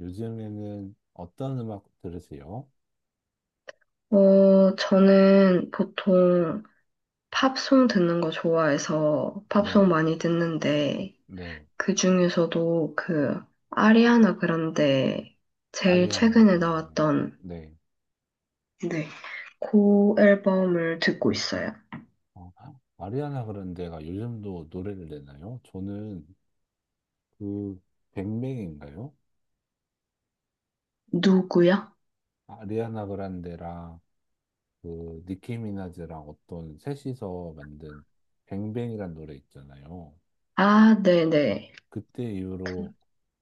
요즘에는 어떤 음악 들으세요? 저는 보통 팝송 듣는 거 좋아해서 팝송 네, 많이 듣는데, 네. 그 중에서도 아리아나 그란데 제일 아리아나 최근에 그랜데. 나왔던, 네. 네, 그 앨범을 듣고 있어요. 어, 아리아나 그란데가 요즘도 노래를 내나요? 저는 그 뱅뱅인가요? 누구야? 아리아나 그란데랑 그 니키 미나즈랑 어떤 셋이서 만든 뱅뱅이란 노래 있잖아요. 아, 네네. 그때 그- 이후로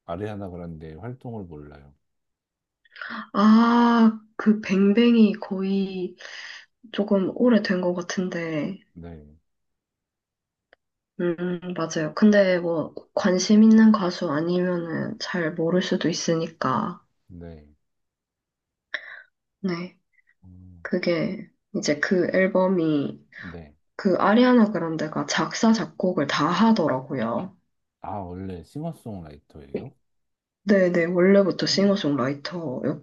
아리아나 그란데의 활동을 몰라요. 아, 그 뱅뱅이 거의 조금 오래된 것 같은데, 네, 맞아요. 근데 뭐, 관심 있는 가수 아니면은 잘 모를 수도 있으니까, 네, 네. 음, 그게 이제 그 앨범이 네. 그 아리아나 그란데가 작사, 작곡을 다 하더라고요. 아, 원래 싱어송라이터예요? 네네. 원래부터 헉,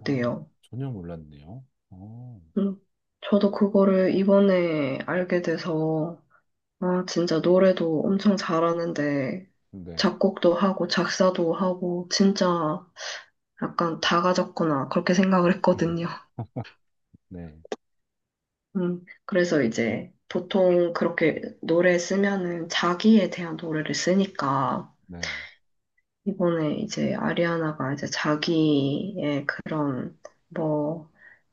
어, 전혀 몰랐네요. 어, 음, 저도 그거를 이번에 알게 돼서, 아, 진짜 노래도 엄청 잘하는데, 네, 작곡도 하고, 작사도 하고, 진짜 약간 다 가졌구나. 그렇게 생각을 했거든요. 네, 그래서 이제 보통 그렇게 노래 쓰면은 자기에 대한 노래를 쓰니까, 네, 이번에 이제 아리아나가 이제 자기의 그런 뭐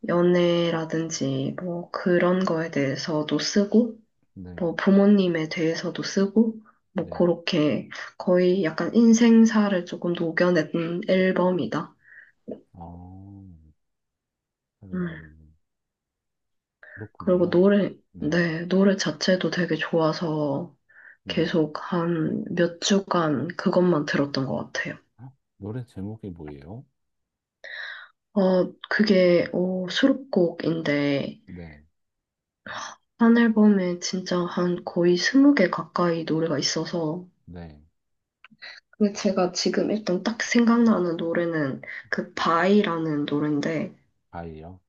연애라든지 뭐 그런 거에 대해서도 쓰고 네, 뭐 부모님에 대해서도 쓰고 뭐 네. 그렇게 거의 약간 인생사를 조금 녹여낸 앨범이다. 어, 음, 그리고 그렇군요. 노래, 네, 네, 노래 자체도 되게 좋아서 네. 계속 한 몇 주간 그것만 들었던 것 같아요. 아, 노래 제목이 뭐예요? 그게, 수록곡인데, 네, 한 앨범에 진짜 한 거의 스무 개 가까이 노래가 있어서. 네. 근데 제가 지금 일단 딱 생각나는 노래는 그 바이라는 노래인데, 바이요?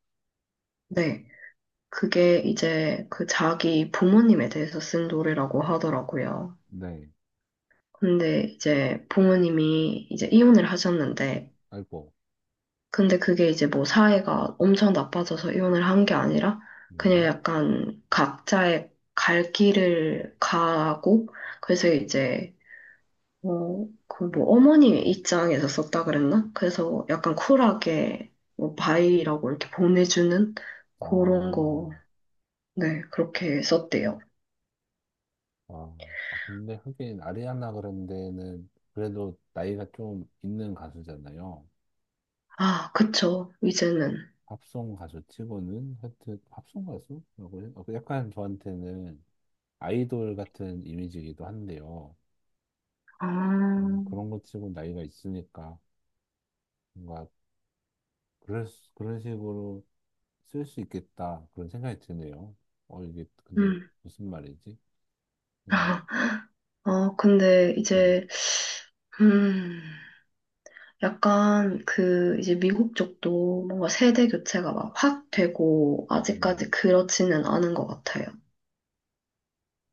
네. 그게 이제 그 자기 부모님에 대해서 쓴 노래라고 하더라고요. 네, 근데 이제 부모님이 이제 이혼을 하셨는데, 아이고, 근데 그게 이제 뭐 사회가 엄청 나빠져서 이혼을 한 게 아니라, 그냥 네. 약간 각자의 갈 길을 가고, 그래서 이제 그 뭐 어머니 입장에서 썼다 그랬나? 그래서 약간 쿨하게 뭐 바이라고 이렇게 보내주는 그런 아, 거, 네, 그렇게 썼대요. 아, 아, 근데 하긴 아리아나 그란데는 그래도 나이가 좀 있는 가수잖아요. 아, 그쵸, 이제는. 팝송 가수 치고는 하여튼 팝송 가수라고 해요? 약간 저한테는 아이돌 같은 이미지이기도 한데요. 아, 그런 것 치고 나이가 있으니까 뭔가 그런 식으로 쓸 수 있겠다 그런 생각이 드네요. 이게 근데 음. 무슨 말이지? 음, 아, 근데 네, 이제, 음, 약간 그 이제 미국 쪽도 뭔가 세대 교체가 막 확 되고 네. 아직까지 그렇지는 않은 것 같아요.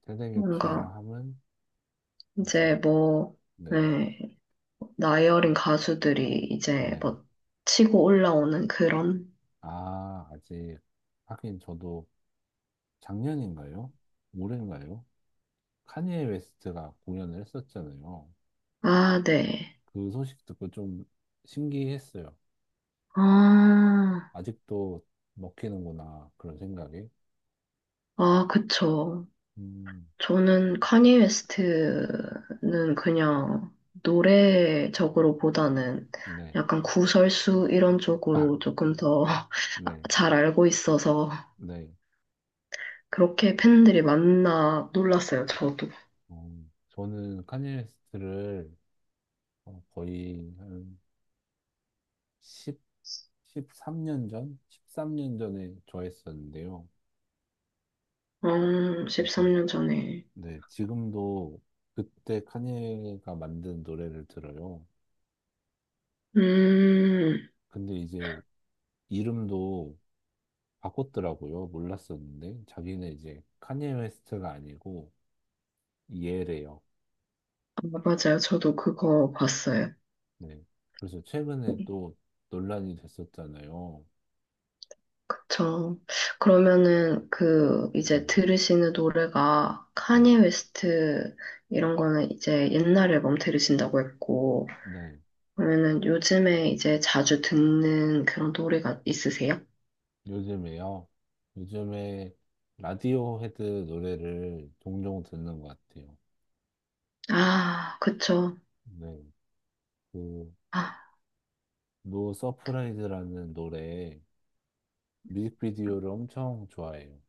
세대 교체라 뭔가 함은 이제 이제 뭐, 네, 네. 나이 어린 가수들이 이제 네. 뭐 치고 올라오는 그런? 아, 아직 하긴 저도 작년인가요? 올해인가요? 카니에 웨스트가 공연을 했었잖아요. 아, 네. 그 소식 듣고 좀 신기했어요. 아, 아직도 먹히는구나. 그런 생각이. 아, 그쵸. 음, 저는 카니 웨스트는 그냥 노래적으로 보다는 네. 약간 구설수 이런 아, 쪽으로 조금 더 네. 잘 알고 있어서 네. 그렇게 팬들이 많나 놀랐어요, 저도. 저는 카니웨스트를 거의 한1 십삼 3년 전? 13년 전에 좋아했었는데요. 그래서, 13년 전에. 네. 지금도 그때 카니가 만든 노래를 들어요. 음, 근데 이제 이름도 바꿨더라고요. 몰랐었는데. 자기는 이제 카니웨스트가 아니고 예래요. 아, 맞아요. 저도 그거 봤어요. 네. 그래서 최근에 또 논란이 됐었잖아요. 그쵸. 그러면은 그 이제 네, 들으시는 노래가 네, 카니 웨스트 이런 거는 이제 옛날 앨범 들으신다고 했고 네. 그러면은 요즘에 이제 자주 듣는 그런 노래가 있으세요? 요즘에요. 요즘에 라디오 헤드 노래를 종종 듣는 것 같아요. 아, 그쵸. 네. 그, 아, 노 서프라이즈라는 노래 뮤직비디오를 엄청 좋아해요.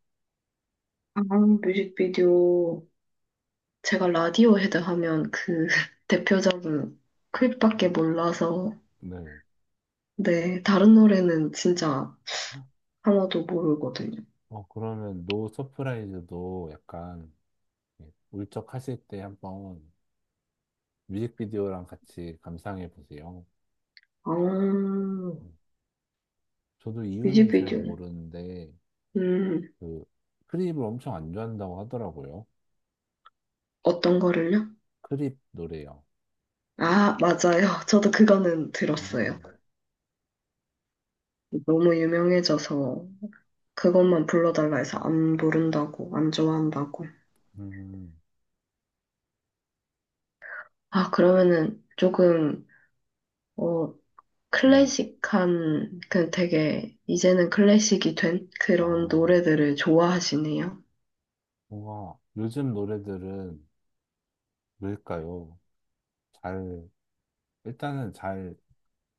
아, 뮤직비디오. 제가 라디오헤드 하면 그 대표적인 클립밖에 몰라서 네. 네, 다른 노래는 진짜 하나도 모르거든요. 그러면 노 서프라이즈도 약간 예, 울적하실 때 한번 뮤직비디오랑 같이 감상해 보세요. 아, 네. 저도 이유는 잘 뮤직비디오. 모르는데 음. 그 크립을 엄청 안 좋아한다고 하더라고요. 어떤 거를요? 크립 노래요. 아, 맞아요. 저도 그거는 들었어요. 음, 너무 유명해져서 그것만 불러달라 해서 안 부른다고, 안 좋아한다고. 음, 아, 그러면은 조금, 어, 네. 클래식한, 그 되게, 이제는 클래식이 된 그런 아, 노래들을 좋아하시네요. 뭔가 요즘 노래들은 왜일까요? 잘, 일단은 잘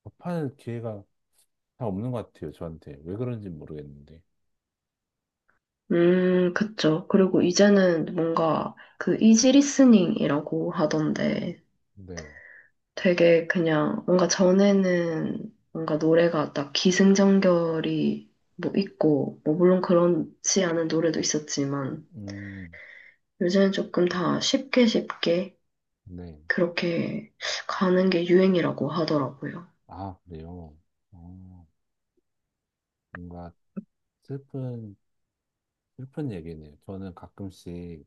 접할 기회가 잘 없는 것 같아요, 저한테. 왜 그런지 모르겠는데. 그쵸. 그리고 이제는 뭔가 그 이지 리스닝이라고 하던데, 네. 되게 그냥 뭔가 전에는 뭔가 노래가 딱 기승전결이 뭐 있고, 뭐 물론 그렇지 않은 노래도 있었지만, 음, 요새는 조금 다 쉽게 쉽게 네. 그렇게 가는 게 유행이라고 하더라고요. 아, 그래요. 어, 뭔가 슬픈, 슬픈 얘기네요. 저는 가끔씩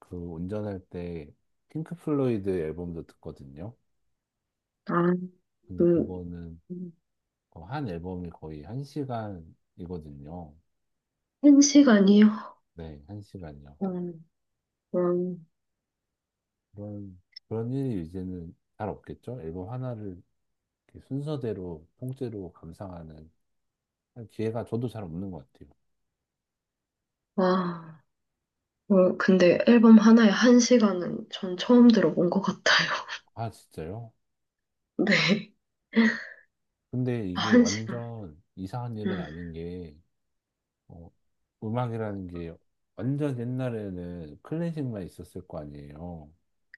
그 운전할 때 핑크 플로이드 앨범도 듣거든요. 아, 근데 그, 그거는 한 앨범이 거의 한 시간이거든요. 한 시간이요? 네, 1시간이요. 음, 음, 그런, 그런 일이 이제는 잘 없겠죠? 앨범 하나를 이렇게 순서대로, 통째로 감상하는 기회가 저도 잘 없는 것 같아요. 와, 근데 앨범 하나에 한 시간은 전 처음 들어본 것 같아요. 아, 진짜요? 네. 근데 아, 이게 한 시간. 완전 이상한 일은 음, 아닌 게, 어, 음악이라는 게 완전 옛날에는 클래식만 있었을 거 아니에요.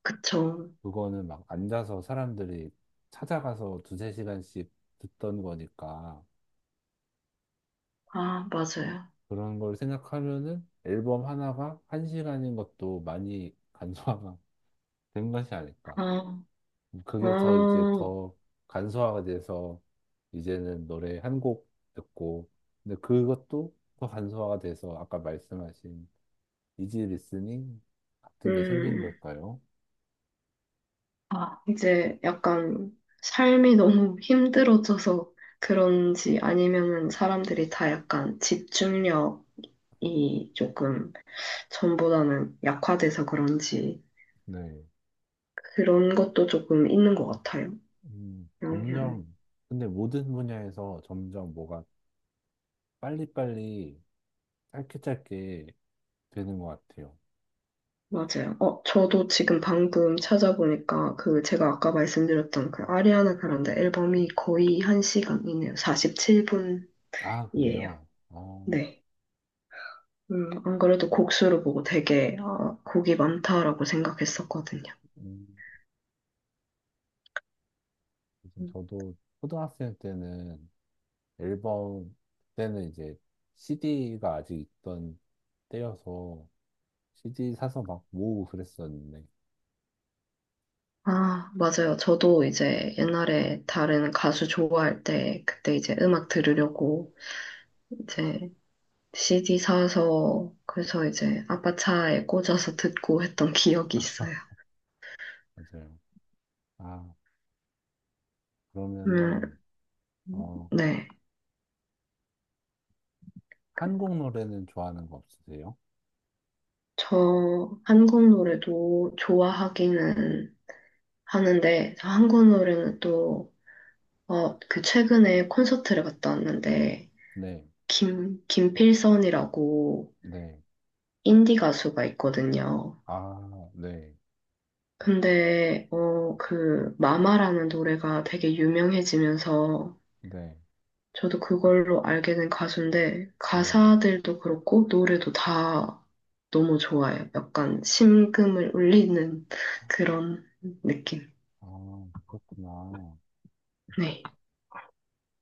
그쵸. 그거는 막 앉아서 사람들이 찾아가서 두세 시간씩 듣던 거니까. 아, 맞아요. 그런 걸 생각하면은 앨범 하나가 1시간인 것도 많이 간소화가 된 것이 아닐까. 아, 그게 더 이제 아, 더 간소화가 돼서 이제는 노래 한 곡 듣고, 근데 그것도 더 간소화가 돼서 아까 말씀하신 이지 리스닝 같은 게 생긴 음, 걸까요? 아, 이제 약간 삶이 너무 힘들어져서 그런지 아니면은 사람들이 다 약간 집중력이 조금 전보다는 약화돼서 그런지 네. 그런 것도 조금 있는 것 같아요. 영향. 점점, 근데 모든 분야에서 점점 뭐가 빨리빨리 짧게 짧게 되는 것 같아요. 맞아요. 저도 지금 방금 찾아보니까 그 제가 아까 말씀드렸던 그 아리아나 그란데 앨범이 거의 한시간이네요. 47분이에요. 아, 그래요? 어. 네. 안 그래도 곡수를 보고 되게, 아, 곡이 많다라고 생각했었거든요. 음. 요즘 음. 저도 초등학생 때는 앨범, 그때는 이제 CD가 아직 있던 때여서 CD 사서 막 모으고 그랬었는데, 아, 맞아요. 저도 이제 옛날에 다른 가수 좋아할 때, 그때 이제 음악 들으려고 이제 CD 사서, 그래서 이제 아빠 차에 꽂아서 듣고 했던 기억이 있어요. 맞아요. 아, 그러면은, 음, 어, 네. 그 한국 노래는 좋아하는 거 없으세요? 저 한국 노래도 좋아하기는 하는데, 저 한국 노래는 또, 그 최근에 콘서트를 갔다 왔는데, 네, 김, 김필선이라고 네, 인디 가수가 있거든요. 아, 네, 근데, 그, 마마라는 노래가 되게 유명해지면서 네, 저도 그걸로 알게 된 가수인데, 네, 가사들도 그렇고, 노래도 다 너무 좋아요. 약간 심금을 울리는 그런 느낌. 아, 그렇구나. 네.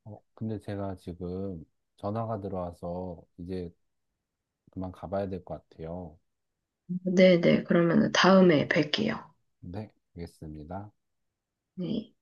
근데 제가 지금 전화가 들어와서 이제 그만 가봐야 될 것 같아요. 네네. 그러면 다음에 뵐게요. 네, 알겠습니다. 네.